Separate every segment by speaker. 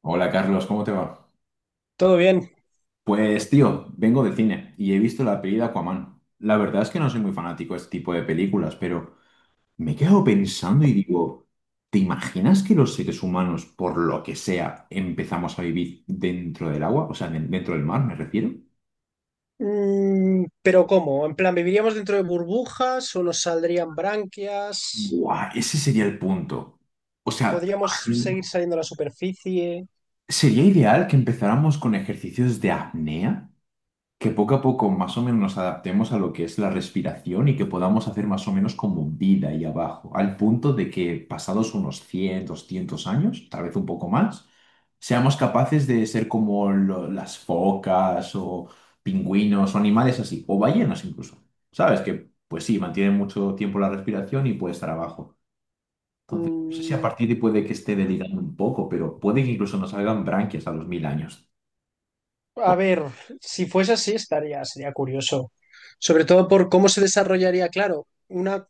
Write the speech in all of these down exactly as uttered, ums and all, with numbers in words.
Speaker 1: Hola Carlos, ¿cómo te va?
Speaker 2: Todo bien.
Speaker 1: Pues tío, vengo de cine y he visto la peli de Aquaman. La verdad es que no soy muy fanático de este tipo de películas, pero me he quedado pensando y digo, ¿te imaginas que los seres humanos, por lo que sea, empezamos a vivir dentro del agua? O sea, de- dentro del mar, me refiero.
Speaker 2: Mm, pero ¿cómo? En plan, ¿viviríamos dentro de burbujas o nos saldrían branquias?
Speaker 1: ¡Guau! Ese sería el punto. O sea, ¿te
Speaker 2: ¿Podríamos
Speaker 1: imaginas?
Speaker 2: seguir saliendo a la superficie?
Speaker 1: ¿Sería ideal que empezáramos con ejercicios de apnea? Que poco a poco más o menos nos adaptemos a lo que es la respiración y que podamos hacer más o menos como un vida ahí abajo, al punto de que pasados unos cien, doscientos años, tal vez un poco más, seamos capaces de ser como lo- las focas o pingüinos o animales así, o ballenas incluso. ¿Sabes? Que pues sí, mantienen mucho tiempo la respiración y puede estar abajo. Entonces, no sé si a
Speaker 2: Mm,
Speaker 1: partir de puede que esté delirando un poco, pero puede que incluso nos salgan branquias a los mil años.
Speaker 2: a ver, si fuese así, estaría, sería curioso. Sobre todo por cómo se desarrollaría, claro, una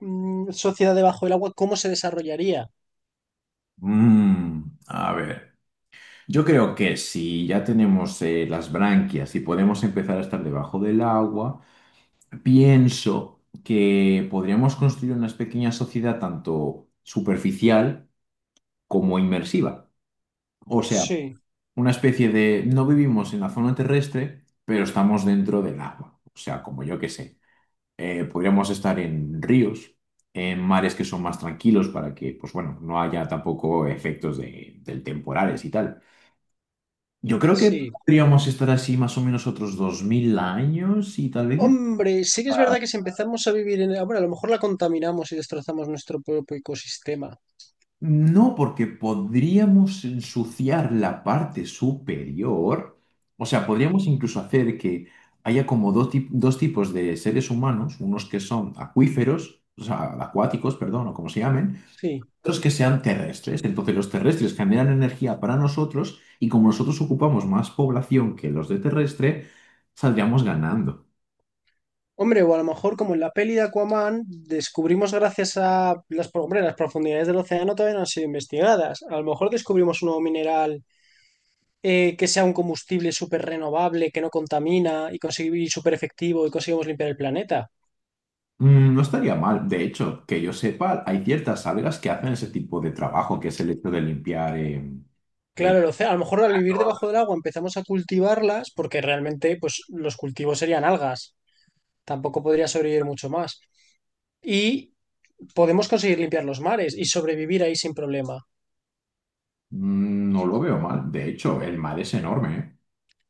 Speaker 2: mm, sociedad debajo del agua, ¿cómo se desarrollaría?
Speaker 1: Mm, a ver. Yo creo que si ya tenemos eh, las branquias y podemos empezar a estar debajo del agua, pienso que podríamos construir una pequeña sociedad tanto superficial como inmersiva. O sea,
Speaker 2: Sí,
Speaker 1: una especie de no vivimos en la zona terrestre, pero estamos dentro del agua. O sea, como yo que sé, eh, podríamos estar en ríos, en mares que son más tranquilos para que, pues bueno, no haya tampoco efectos de, del temporales y tal. Yo creo que
Speaker 2: sí.
Speaker 1: podríamos estar así más o menos otros dos mil años y tal vez ya...
Speaker 2: Hombre, sí que es verdad que si empezamos a vivir en, bueno, a lo mejor la contaminamos y destrozamos nuestro propio ecosistema.
Speaker 1: No, porque podríamos ensuciar la parte superior. O sea, podríamos incluso hacer que haya como dos, tip- dos tipos de seres humanos, unos que son acuíferos, o sea, acuáticos, perdón, o como se llamen,
Speaker 2: Sí.
Speaker 1: otros que sean terrestres. Entonces los terrestres generan energía para nosotros y como nosotros ocupamos más población que los de terrestre, saldríamos ganando.
Speaker 2: Hombre, o a lo mejor como en la peli de Aquaman, descubrimos gracias a las, pro- hombre, las profundidades del océano todavía no han sido investigadas. A lo mejor descubrimos un nuevo mineral eh, que sea un combustible súper renovable, que no contamina y, consigue- y súper efectivo y conseguimos limpiar el planeta.
Speaker 1: Mm, no estaría mal. De hecho, que yo sepa, hay ciertas algas que hacen ese tipo de trabajo, que es el hecho de limpiar eh,
Speaker 2: Claro,
Speaker 1: el-
Speaker 2: el océano, a lo mejor al vivir debajo del agua empezamos a cultivarlas porque realmente pues, los cultivos serían algas. Tampoco podría sobrevivir mucho más. Y podemos conseguir limpiar los mares y sobrevivir ahí sin problema.
Speaker 1: mm, no lo veo mal. De hecho, el mar es enorme, ¿eh?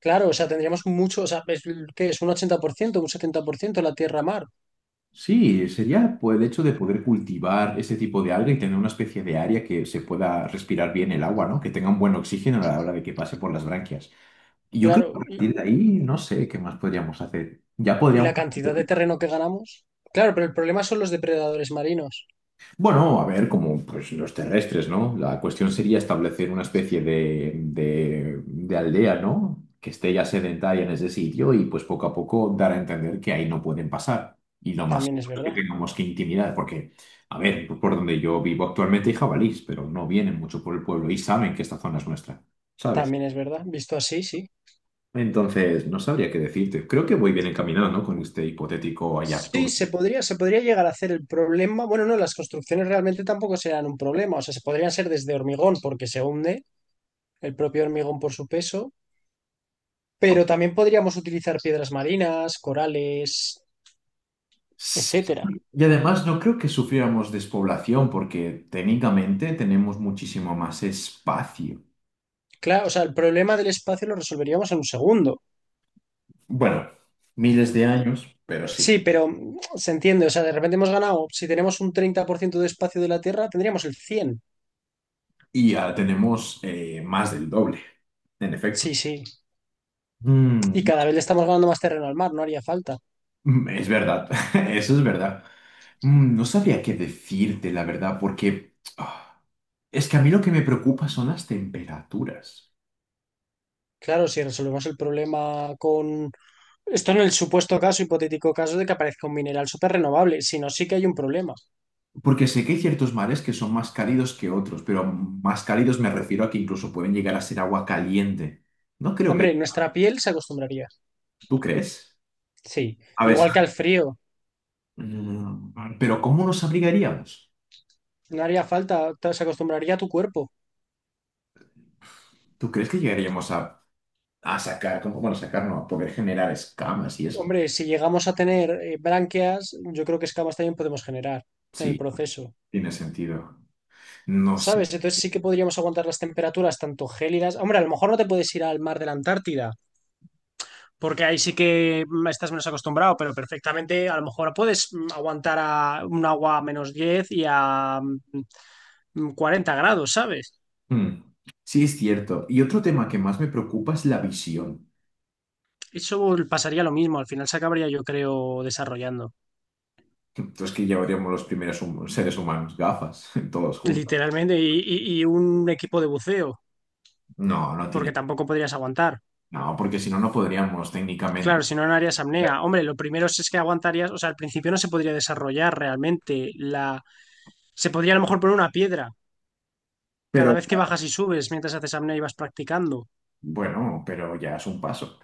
Speaker 2: Claro, o sea, tendríamos mucho, o sea, es, ¿qué es? ¿Un ochenta por ciento, un setenta por ciento la tierra-mar?
Speaker 1: Sí, sería pues, el hecho de poder cultivar ese tipo de alga y tener una especie de área que se pueda respirar bien el agua, ¿no? Que tenga un buen oxígeno a la hora de que pase por las branquias. Y yo creo que a
Speaker 2: Claro, y,
Speaker 1: partir de ahí, no sé qué más podríamos hacer. Ya
Speaker 2: y
Speaker 1: podríamos...
Speaker 2: la cantidad de terreno que ganamos. Claro, pero el problema son los depredadores marinos.
Speaker 1: Bueno, a ver, como pues, los terrestres, ¿no? La cuestión sería establecer una especie de, de- de aldea, ¿no? Que esté ya sedentaria en ese sitio y pues poco a poco dar a entender que ahí no pueden pasar. Y lo más
Speaker 2: También es
Speaker 1: que
Speaker 2: verdad,
Speaker 1: tengamos que intimidar, porque, a ver, por donde yo vivo actualmente hay jabalís, pero no vienen mucho por el pueblo y saben que esta zona es nuestra, ¿sabes?
Speaker 2: también es verdad. Visto así, sí.
Speaker 1: Entonces, no sabría qué decirte. Creo que voy bien encaminado, ¿no? Con este hipotético allá
Speaker 2: Sí, se
Speaker 1: turno.
Speaker 2: podría, se podría llegar a hacer el problema. Bueno, no, las construcciones realmente tampoco serán un problema. O sea, se podrían ser desde hormigón porque se hunde el propio hormigón por su peso, pero también podríamos utilizar piedras marinas, corales,
Speaker 1: Sí.
Speaker 2: etcétera.
Speaker 1: Y además no creo que sufriéramos despoblación porque técnicamente tenemos muchísimo más espacio.
Speaker 2: Claro, o sea, el problema del espacio lo resolveríamos en un segundo.
Speaker 1: Bueno, miles de años, pero
Speaker 2: Sí,
Speaker 1: sí.
Speaker 2: pero mm, se entiende, o sea, de repente hemos ganado, si tenemos un treinta por ciento de espacio de la Tierra, tendríamos el cien.
Speaker 1: Y ya tenemos eh, más del doble, en efecto.
Speaker 2: Sí, sí.
Speaker 1: Mm,
Speaker 2: Y cada vez le estamos ganando más terreno al mar, no haría falta.
Speaker 1: mm, es verdad, eso es verdad. Mm, no sabría qué decirte, la verdad, porque ah, es que a mí lo que me preocupa son las temperaturas.
Speaker 2: Claro, si resolvemos el problema con. Esto en el supuesto caso, hipotético caso de que aparezca un mineral súper renovable, si no, sí que hay un problema.
Speaker 1: Porque sé que hay ciertos mares que son más cálidos que otros, pero más cálidos me refiero a que incluso pueden llegar a ser agua caliente. No creo que...
Speaker 2: Hombre, nuestra piel se acostumbraría.
Speaker 1: ¿Tú crees?
Speaker 2: Sí,
Speaker 1: A ver, si-
Speaker 2: igual que al frío,
Speaker 1: mm, pero ¿cómo nos abrigaríamos?
Speaker 2: no haría falta, te- se acostumbraría a tu cuerpo.
Speaker 1: ¿Tú crees que llegaríamos a, a sacar, como, bueno, sacar no, a poder generar escamas y eso?
Speaker 2: Hombre, si llegamos a tener eh, branquias, yo creo que escamas también podemos generar en el
Speaker 1: Sí,
Speaker 2: proceso.
Speaker 1: tiene sentido. No sé.
Speaker 2: ¿Sabes? Entonces sí que podríamos aguantar las temperaturas tanto gélidas. Hombre, a lo mejor no te puedes ir al mar de la Antártida, porque ahí sí que mm, estás menos acostumbrado, pero perfectamente a lo mejor puedes mm, aguantar a un agua a menos diez y a mm, cuarenta grados, ¿sabes?
Speaker 1: Mm, sí, es cierto. Y otro tema que más me preocupa es la visión.
Speaker 2: Eso pasaría lo mismo, al final se acabaría yo creo desarrollando,
Speaker 1: Entonces que llevaríamos los primeros hum- seres humanos gafas, todos juntos.
Speaker 2: literalmente, y, y- y un equipo de buceo,
Speaker 1: No, no
Speaker 2: porque
Speaker 1: tiene.
Speaker 2: tampoco podrías aguantar.
Speaker 1: No, porque si no, no podríamos técnicamente.
Speaker 2: Claro, si no, no harías apnea. Hombre, lo primero es es que aguantarías, o sea, al principio no se podría desarrollar realmente. Se podría a lo mejor poner una piedra cada
Speaker 1: Pero
Speaker 2: vez que bajas y subes, mientras haces apnea y vas practicando.
Speaker 1: bueno, pero ya es un paso.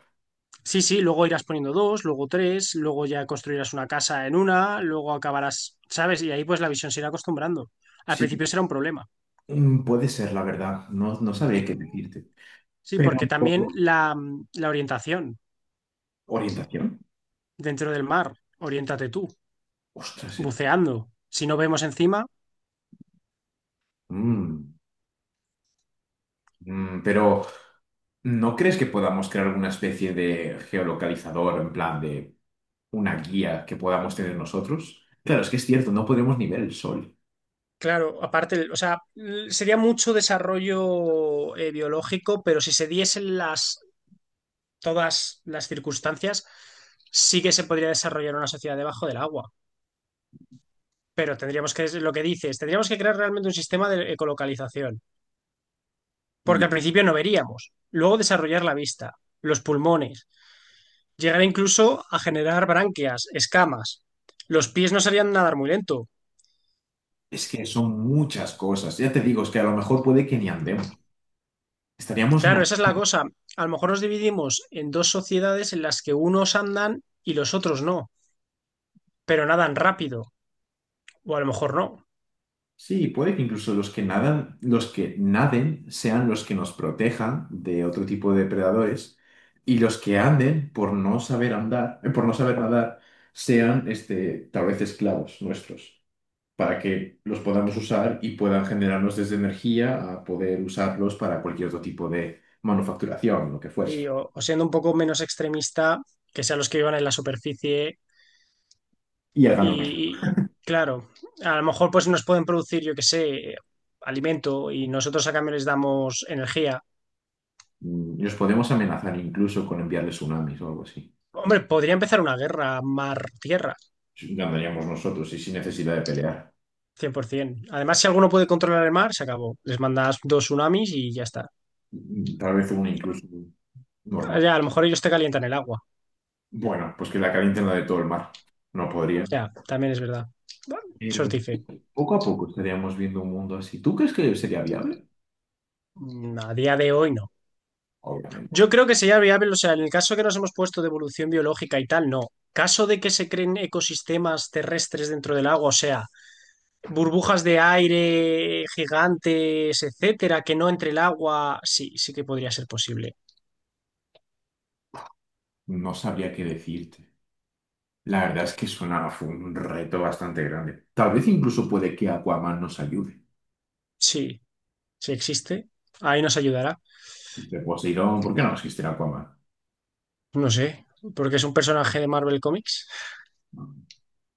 Speaker 2: Sí, sí, luego irás poniendo dos, luego tres, luego ya construirás una casa en una, luego acabarás, ¿sabes? Y ahí pues la visión se irá acostumbrando. Al
Speaker 1: Sí,
Speaker 2: principio será un problema.
Speaker 1: mm, puede ser, la verdad. No, no sabría qué decirte.
Speaker 2: Sí,
Speaker 1: Pero
Speaker 2: porque también la, la orientación
Speaker 1: orientación.
Speaker 2: dentro del mar, oriéntate tú,
Speaker 1: Ostras, es-
Speaker 2: buceando. Si no vemos encima.
Speaker 1: mm, mm, pero ¿no crees que podamos crear alguna especie de geolocalizador en plan de una guía que podamos tener nosotros? Claro, es que es cierto, no podemos ni ver el sol.
Speaker 2: Claro, aparte, o sea, sería mucho desarrollo eh, biológico, pero si se diesen las todas las circunstancias, sí que se podría desarrollar una sociedad debajo del agua. Pero tendríamos que, lo que dices, tendríamos que crear realmente un sistema de ecolocalización. Porque
Speaker 1: Y
Speaker 2: al principio no veríamos. Luego desarrollar la vista, los pulmones, llegar incluso a generar branquias, escamas. Los pies no serían nadar muy lento.
Speaker 1: es que son muchas cosas. Ya te digo, es que a lo mejor puede que ni andemos. Estaríamos
Speaker 2: Claro,
Speaker 1: na-
Speaker 2: esa es la cosa. A lo mejor nos dividimos en dos sociedades en las que unos andan y los otros no, pero nadan rápido, o a lo mejor no.
Speaker 1: sí, puede que incluso los que nadan, los que naden sean los que nos protejan de otro tipo de depredadores y los que anden por no saber andar, eh, por no saber nadar, sean este, tal vez esclavos nuestros, para que los podamos usar y puedan generarnos desde energía a poder usarlos para cualquier otro tipo de manufacturación, lo que fuese.
Speaker 2: y, o, o siendo un poco menos extremista, que sean los que vivan en la superficie
Speaker 1: Y hagan
Speaker 2: y,
Speaker 1: lo que hagan.
Speaker 2: y, claro, a lo mejor pues nos pueden producir, yo que sé, alimento y nosotros a cambio les damos energía.
Speaker 1: Mm, los podemos amenazar incluso con enviarles tsunamis o algo así.
Speaker 2: Hombre, podría empezar una guerra mar-tierra,
Speaker 1: Ganaríamos nosotros y sin necesidad de pelear.
Speaker 2: cien por ciento. Además, si alguno puede controlar el mar, se acabó. Les mandas dos tsunamis y ya está.
Speaker 1: Mm, tal vez uno incluso. Normal.
Speaker 2: Ya, a lo mejor ellos te calientan el agua.
Speaker 1: Bueno, pues que la calienten la de todo el mar. No podría.
Speaker 2: Ya, también es verdad. Bueno,
Speaker 1: Pero
Speaker 2: Sortife.
Speaker 1: poco a poco estaríamos viendo un mundo así. ¿Tú crees que sería viable?
Speaker 2: Mm, A día de hoy no.
Speaker 1: Obviamente.
Speaker 2: Yo creo que sería viable, o sea, en el caso que nos hemos puesto de evolución biológica y tal, no. Caso de que se creen ecosistemas terrestres dentro del agua, o sea, burbujas de aire gigantes, etcétera, que no entre el agua, sí, sí que podría ser posible.
Speaker 1: No sabría qué decirte. La verdad es que suena fue un reto bastante grande. Tal vez incluso puede que Aquaman nos ayude.
Speaker 2: Sí, sí existe. Ahí nos ayudará.
Speaker 1: De Poseidón, ¿por qué no existe Aquaman?
Speaker 2: No sé, porque es un personaje de Marvel Comics.
Speaker 1: No,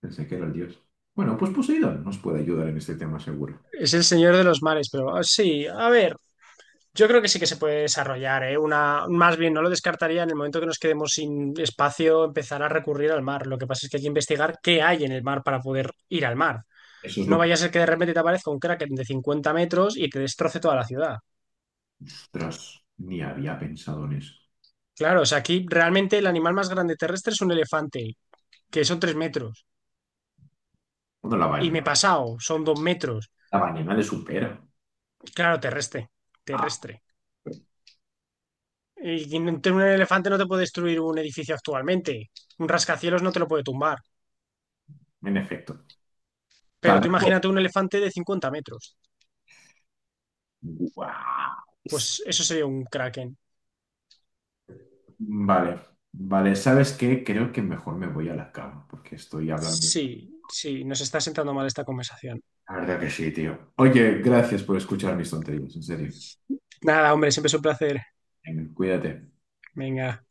Speaker 1: pensé que era el dios. Bueno, pues Poseidón nos puede ayudar en este tema seguro.
Speaker 2: Es el señor de los mares, pero ah, sí, a ver. Yo creo que sí que se puede desarrollar, ¿eh? Una, más bien, no lo descartaría en el momento que nos quedemos sin espacio, empezar a recurrir al mar. Lo que pasa es que hay que investigar qué hay en el mar para poder ir al mar.
Speaker 1: Eso es
Speaker 2: No
Speaker 1: lo que...
Speaker 2: vaya a ser que de repente te aparezca un kraken de cincuenta metros y te destroce toda la ciudad.
Speaker 1: Ostras, ni había pensado en eso.
Speaker 2: Claro, o sea, aquí realmente el animal más grande terrestre es un elefante, que son tres metros.
Speaker 1: Bueno, la
Speaker 2: Y me
Speaker 1: ballena.
Speaker 2: he pasado, son dos metros.
Speaker 1: La ballena le supera.
Speaker 2: Claro, terrestre,
Speaker 1: Ah,
Speaker 2: terrestre. Y un elefante no te puede destruir un edificio actualmente. Un rascacielos no te lo puede tumbar.
Speaker 1: en efecto.
Speaker 2: Pero
Speaker 1: Tal
Speaker 2: tú imagínate un elefante de cincuenta metros.
Speaker 1: guau.
Speaker 2: Pues eso sería un kraken.
Speaker 1: Vale, vale, ¿sabes qué? Creo que mejor me voy a la cama porque estoy hablando.
Speaker 2: Sí, sí, nos está sentando mal esta conversación.
Speaker 1: La verdad que sí, tío. Oye, gracias por escuchar mis tonterías, en serio.
Speaker 2: Nada, hombre, siempre es un placer.
Speaker 1: Venga, cuídate.
Speaker 2: Venga.